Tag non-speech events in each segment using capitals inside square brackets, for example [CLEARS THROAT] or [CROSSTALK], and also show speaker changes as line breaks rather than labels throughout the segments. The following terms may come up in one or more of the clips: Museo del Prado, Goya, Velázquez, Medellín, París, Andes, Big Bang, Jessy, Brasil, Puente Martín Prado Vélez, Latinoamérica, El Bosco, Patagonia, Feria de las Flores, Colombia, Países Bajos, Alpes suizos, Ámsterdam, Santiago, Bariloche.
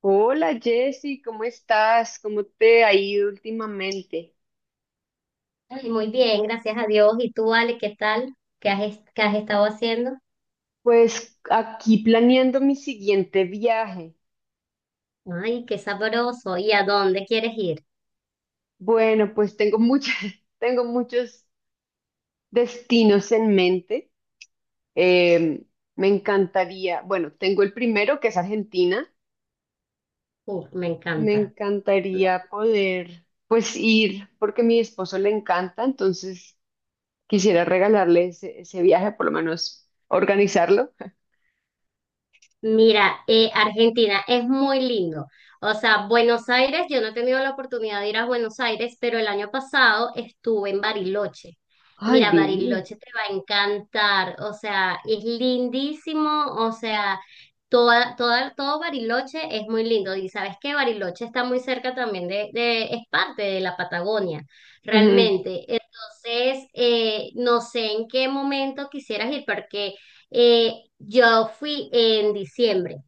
Hola Jessy, ¿cómo estás? ¿Cómo te ha ido últimamente?
Ay, muy bien, gracias a Dios. ¿Y tú, Ale, qué tal? ¿ qué has estado haciendo?
Pues aquí planeando mi siguiente viaje.
Ay, qué sabroso. ¿Y a dónde quieres ir?
Bueno, pues tengo muchas, [LAUGHS] tengo muchos destinos en mente. Em, Me encantaría, bueno, tengo el primero que es Argentina.
Me
Me
encanta.
encantaría poder, pues ir, porque a mi esposo le encanta, entonces quisiera regalarle ese viaje, por lo menos organizarlo. [LAUGHS]
Mira, Argentina es muy lindo. O sea, Buenos Aires, yo no he tenido la oportunidad de ir a Buenos Aires, pero el año pasado estuve en Bariloche.
Ay,
Mira,
divino.
Bariloche te va a encantar. O sea, es lindísimo. O sea, todo Bariloche es muy lindo. Y sabes que Bariloche está muy cerca también es parte de la Patagonia,
Ujú.
realmente. Entonces, no sé en qué momento quisieras ir, porque... Eh, yo fui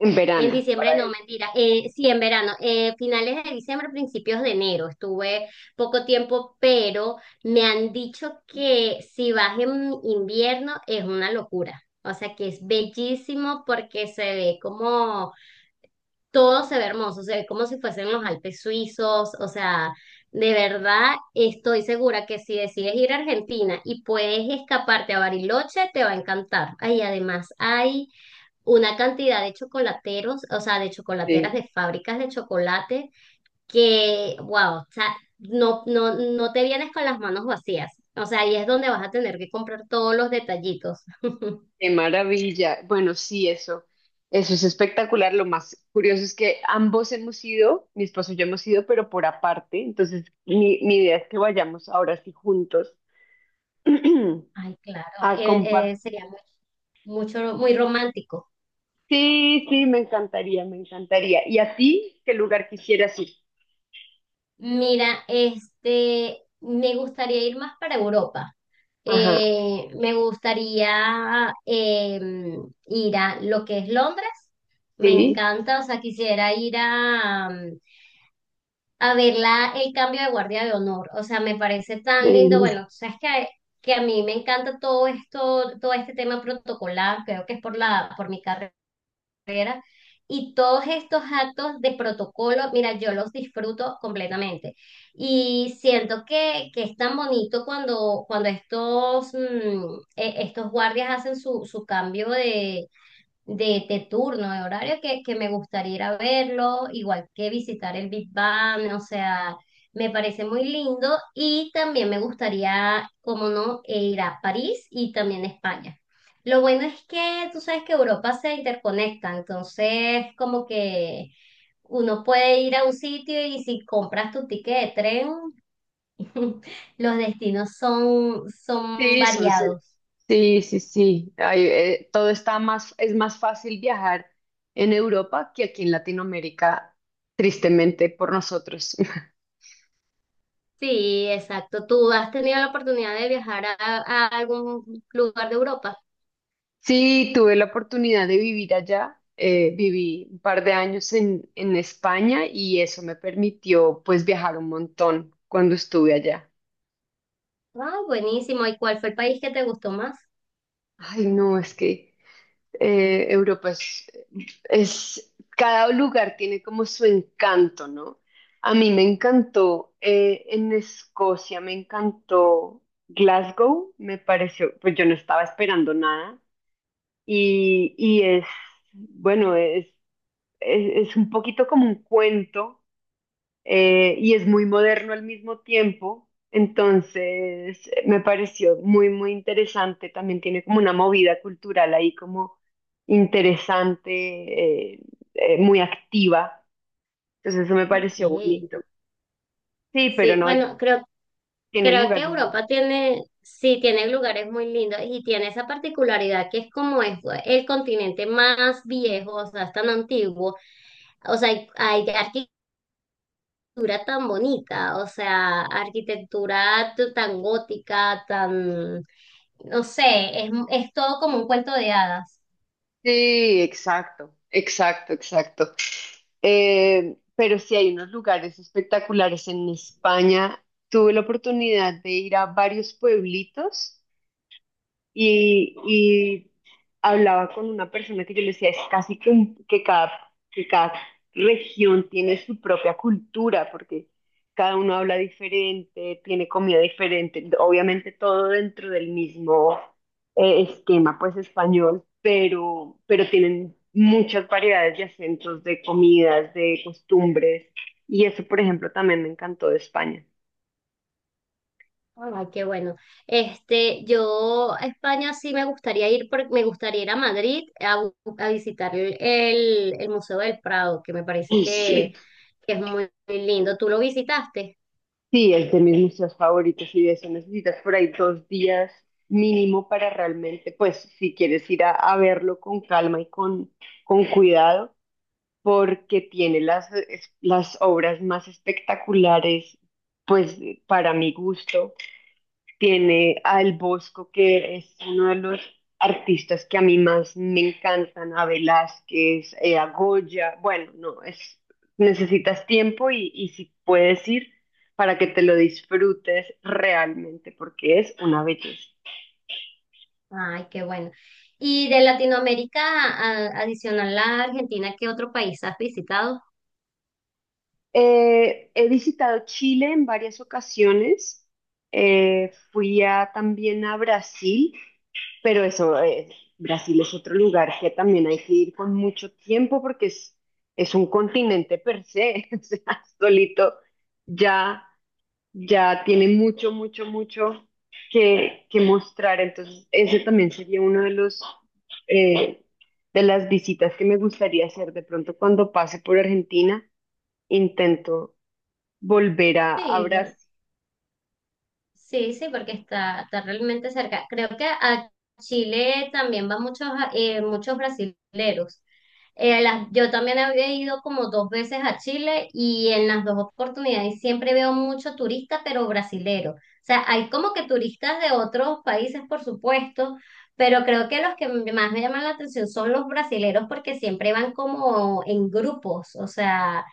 En
en
verano.
diciembre no, mentira, sí, en verano, finales de diciembre, principios de enero, estuve poco tiempo, pero me han dicho que si vas en invierno es una locura, o sea que es bellísimo porque se ve como todo se ve hermoso, se ve como si fuesen los Alpes suizos, o sea, de verdad estoy segura que si decides ir a Argentina y puedes escaparte a Bariloche, te va a encantar. Ahí además hay una cantidad de chocolateros, o sea, de chocolateras
Sí,
de fábricas de chocolate que, wow, o sea, no, no, no te vienes con las manos vacías. O sea, ahí es donde vas a tener que comprar todos los detallitos. [LAUGHS]
qué maravilla. Bueno, sí, eso es espectacular. Lo más curioso es que ambos hemos ido, mi esposo y yo hemos ido, pero por aparte. Entonces, mi idea es que vayamos ahora sí juntos. [CLEARS THROAT]
Ay, claro,
A compartir.
sería muy romántico.
Sí, sí, me encantaría, me encantaría. ¿Y a ti qué lugar quisieras ir?
Mira, este, me gustaría ir más para Europa.
Ajá,
Me gustaría ir a lo que es Londres. Me
sí,
encanta, o sea, quisiera ir a, a ver el cambio de guardia de honor. O sea, me parece tan lindo. Bueno,
sí,
tú sabes que a mí me encanta todo esto, todo este tema protocolar. Creo que es por la, por mi carrera y todos estos actos de protocolo, mira, yo los disfruto completamente. Y siento que es tan bonito cuando, cuando estos, estos guardias hacen su, su cambio de turno, de horario, que me gustaría ir a verlo, igual que visitar el Big Bang, o sea, me parece muy lindo y también me gustaría, como no, ir a París y también España. Lo bueno es que tú sabes que Europa se interconecta, entonces como que uno puede ir a un sitio y si compras tu ticket de tren, [LAUGHS] los destinos son, son
sí, son.
variados.
Sí, sí, sí. Ay, todo está más, es más fácil viajar en Europa que aquí en Latinoamérica, tristemente por nosotros. [LAUGHS]
Sí, exacto. ¿Tú has tenido la oportunidad de viajar a algún lugar de Europa?
Sí, tuve la oportunidad de vivir allá. Viví un par de años en España y eso me permitió pues viajar un montón cuando estuve allá.
Ah, buenísimo. ¿Y cuál fue el país que te gustó más?
Ay, no, es que Europa es, cada lugar tiene como su encanto, ¿no? A mí me encantó, en Escocia me encantó Glasgow, me pareció, pues yo no estaba esperando nada y, y es, bueno, es un poquito como un cuento, y es muy moderno al mismo tiempo. Entonces, me pareció muy, muy interesante. También tiene como una movida cultural ahí como interesante, muy activa. Entonces, eso me
Ok.
pareció bonito. Sí, pero
Sí,
no
bueno, creo,
tiene
creo que
lugar.
Europa tiene, sí, tiene lugares muy lindos y tiene esa particularidad que es como es el continente más viejo, o sea, es tan antiguo. O sea, hay arquitectura tan bonita, o sea, tan gótica, tan, no sé, es todo como un cuento de hadas.
Sí, exacto, exacto, exacto. Pero sí hay unos lugares espectaculares en España. Tuve la oportunidad de ir a varios pueblitos y hablaba con una persona que yo le decía, es casi que, que cada región tiene su propia cultura, porque cada uno habla diferente, tiene comida diferente, obviamente todo dentro del mismo esquema, pues español, pero tienen muchas variedades de acentos, de comidas, de costumbres, y eso, por ejemplo, también me encantó de España.
Ay, qué bueno. Este, yo a España sí me gustaría ir, porque me gustaría ir a Madrid a, a visitar el Museo del Prado, que me parece
Y sí.
que es muy, muy lindo. ¿Tú lo visitaste?
Sí, es de mis museos favoritos y de eso necesitas por ahí dos días mínimo para realmente, pues si quieres ir a verlo con calma y con cuidado, porque tiene las, las obras más espectaculares, pues para mi gusto, tiene a El Bosco, que es uno de los artistas que a mí más me encantan, a Velázquez, a Goya, bueno, no, es, necesitas tiempo y si puedes ir para que te lo disfrutes realmente, porque es una belleza.
Ay, qué bueno. Y de Latinoamérica, adicional a Argentina, ¿qué otro país has visitado?
He visitado Chile en varias ocasiones, fui también a Brasil. Pero eso, Brasil es otro lugar que también hay que ir con mucho tiempo porque es un continente per se, [LAUGHS] o sea, solito ya, ya tiene mucho, mucho, mucho que mostrar. Entonces, ese también sería uno de los, eh, de las visitas que me gustaría hacer. De pronto, cuando pase por Argentina, intento volver a
Sí,
Brasil.
sí, sí, porque está, está realmente cerca. Creo que a Chile también van muchos, muchos brasileros. Yo también había ido como dos veces a Chile y en las dos oportunidades siempre veo mucho turista, pero brasilero. O sea, hay como que turistas de otros países, por supuesto, pero creo que los que más me llaman la atención son los brasileros porque siempre van como en grupos, o sea,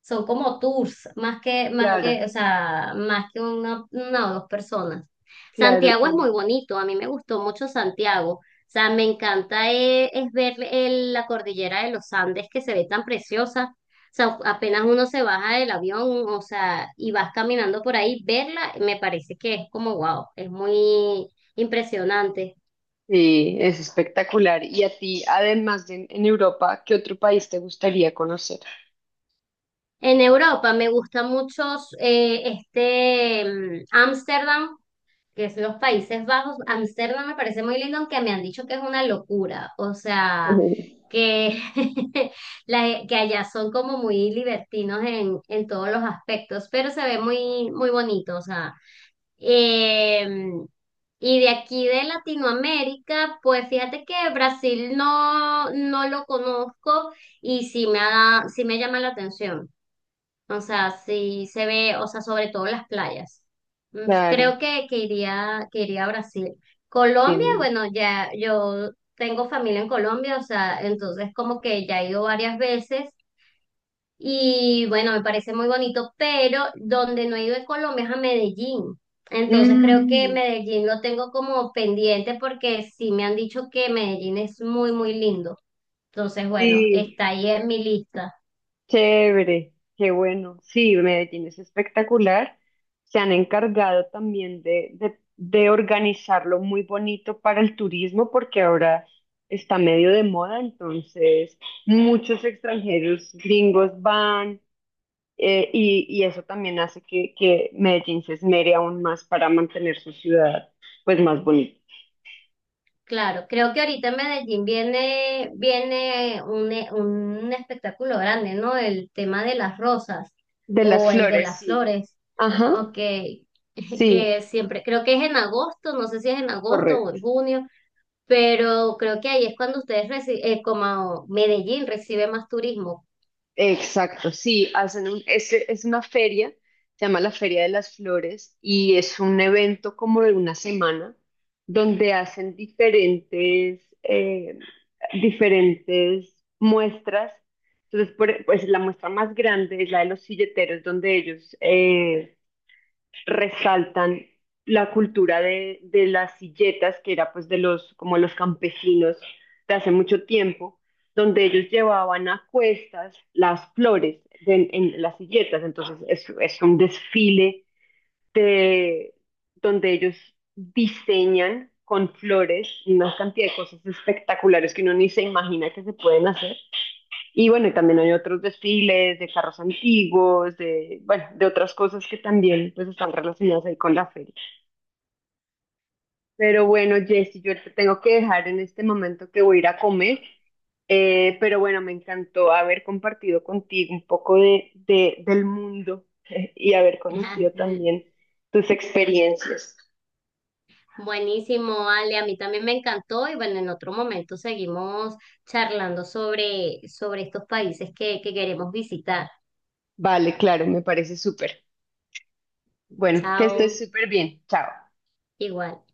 son como tours,
Claro,
o sea, más que una o dos personas.
claro.
Santiago es muy bonito, a mí me gustó mucho Santiago. O sea, me encanta ver la cordillera de los Andes que se ve tan preciosa. O sea, apenas uno se baja del avión, o sea, y vas caminando por ahí, verla, me parece que es como wow, es muy impresionante.
Sí, es espectacular. Y a ti, además de en Europa, ¿qué otro país te gustaría conocer?
En Europa me gusta mucho Ámsterdam, que es los Países Bajos. Ámsterdam me parece muy lindo, aunque me han dicho que es una locura. O sea,
[LAUGHS]
que, [LAUGHS] que allá son como muy libertinos en todos los aspectos, pero se ve muy, muy bonito. O sea, Em, y de aquí de Latinoamérica, pues fíjate que Brasil no, no lo conozco y sí me ha, sí me llama la atención. O sea, sí se ve, o sea, sobre todo las playas.
Claro,
Creo que iría a Brasil.
que
Colombia,
no.
bueno, ya yo tengo familia en Colombia, o sea, entonces como que ya he ido varias veces y bueno, me parece muy bonito, pero donde no he ido en Colombia es a Medellín. Entonces creo que
Mm,
Medellín lo tengo como pendiente porque sí me han dicho que Medellín es muy, muy lindo. Entonces, bueno,
sí,
está ahí en mi lista.
chévere, qué bueno. Sí, Medellín es espectacular. Se han encargado también de organizarlo muy bonito para el turismo porque ahora está medio de moda, entonces muchos extranjeros gringos van. Y, y eso también hace que Medellín se esmere aún más para mantener su ciudad pues más bonita.
Claro, creo que ahorita en Medellín viene, viene un espectáculo grande, ¿no? El tema de las rosas
De las
o el de
flores,
las
sí.
flores,
Ajá,
ok, [LAUGHS]
sí,
que siempre, creo que es en agosto, no sé si es en agosto o en
correcto.
junio, pero creo que ahí es cuando ustedes reciben, como Medellín recibe más turismo.
Exacto, sí, hacen un, es una feria, se llama la Feria de las Flores y es un evento como de una semana donde hacen diferentes, diferentes muestras. Entonces, pues la muestra más grande es la de los silleteros, donde ellos resaltan la cultura de las silletas, que era pues de los, como los campesinos de hace mucho tiempo, donde ellos llevaban a cuestas las flores en las silletas. Entonces es un desfile de, donde ellos diseñan con flores una cantidad de cosas espectaculares que uno ni se imagina que se pueden hacer. Y bueno, y también hay otros desfiles de carros antiguos, de, bueno, de otras cosas que también pues están relacionadas ahí con la feria. Pero bueno, Jessy, yo te tengo que dejar en este momento que voy a ir a comer. Pero bueno, me encantó haber compartido contigo un poco de, del mundo [LAUGHS] y haber
[LAUGHS] Ajá,
conocido también tus experiencias.
buenísimo, Ale, a mí también me encantó y bueno, en otro momento seguimos charlando sobre, sobre estos países que queremos visitar.
Vale, claro, me parece súper. Bueno, que estés
Chao,
súper bien. Chao.
igual.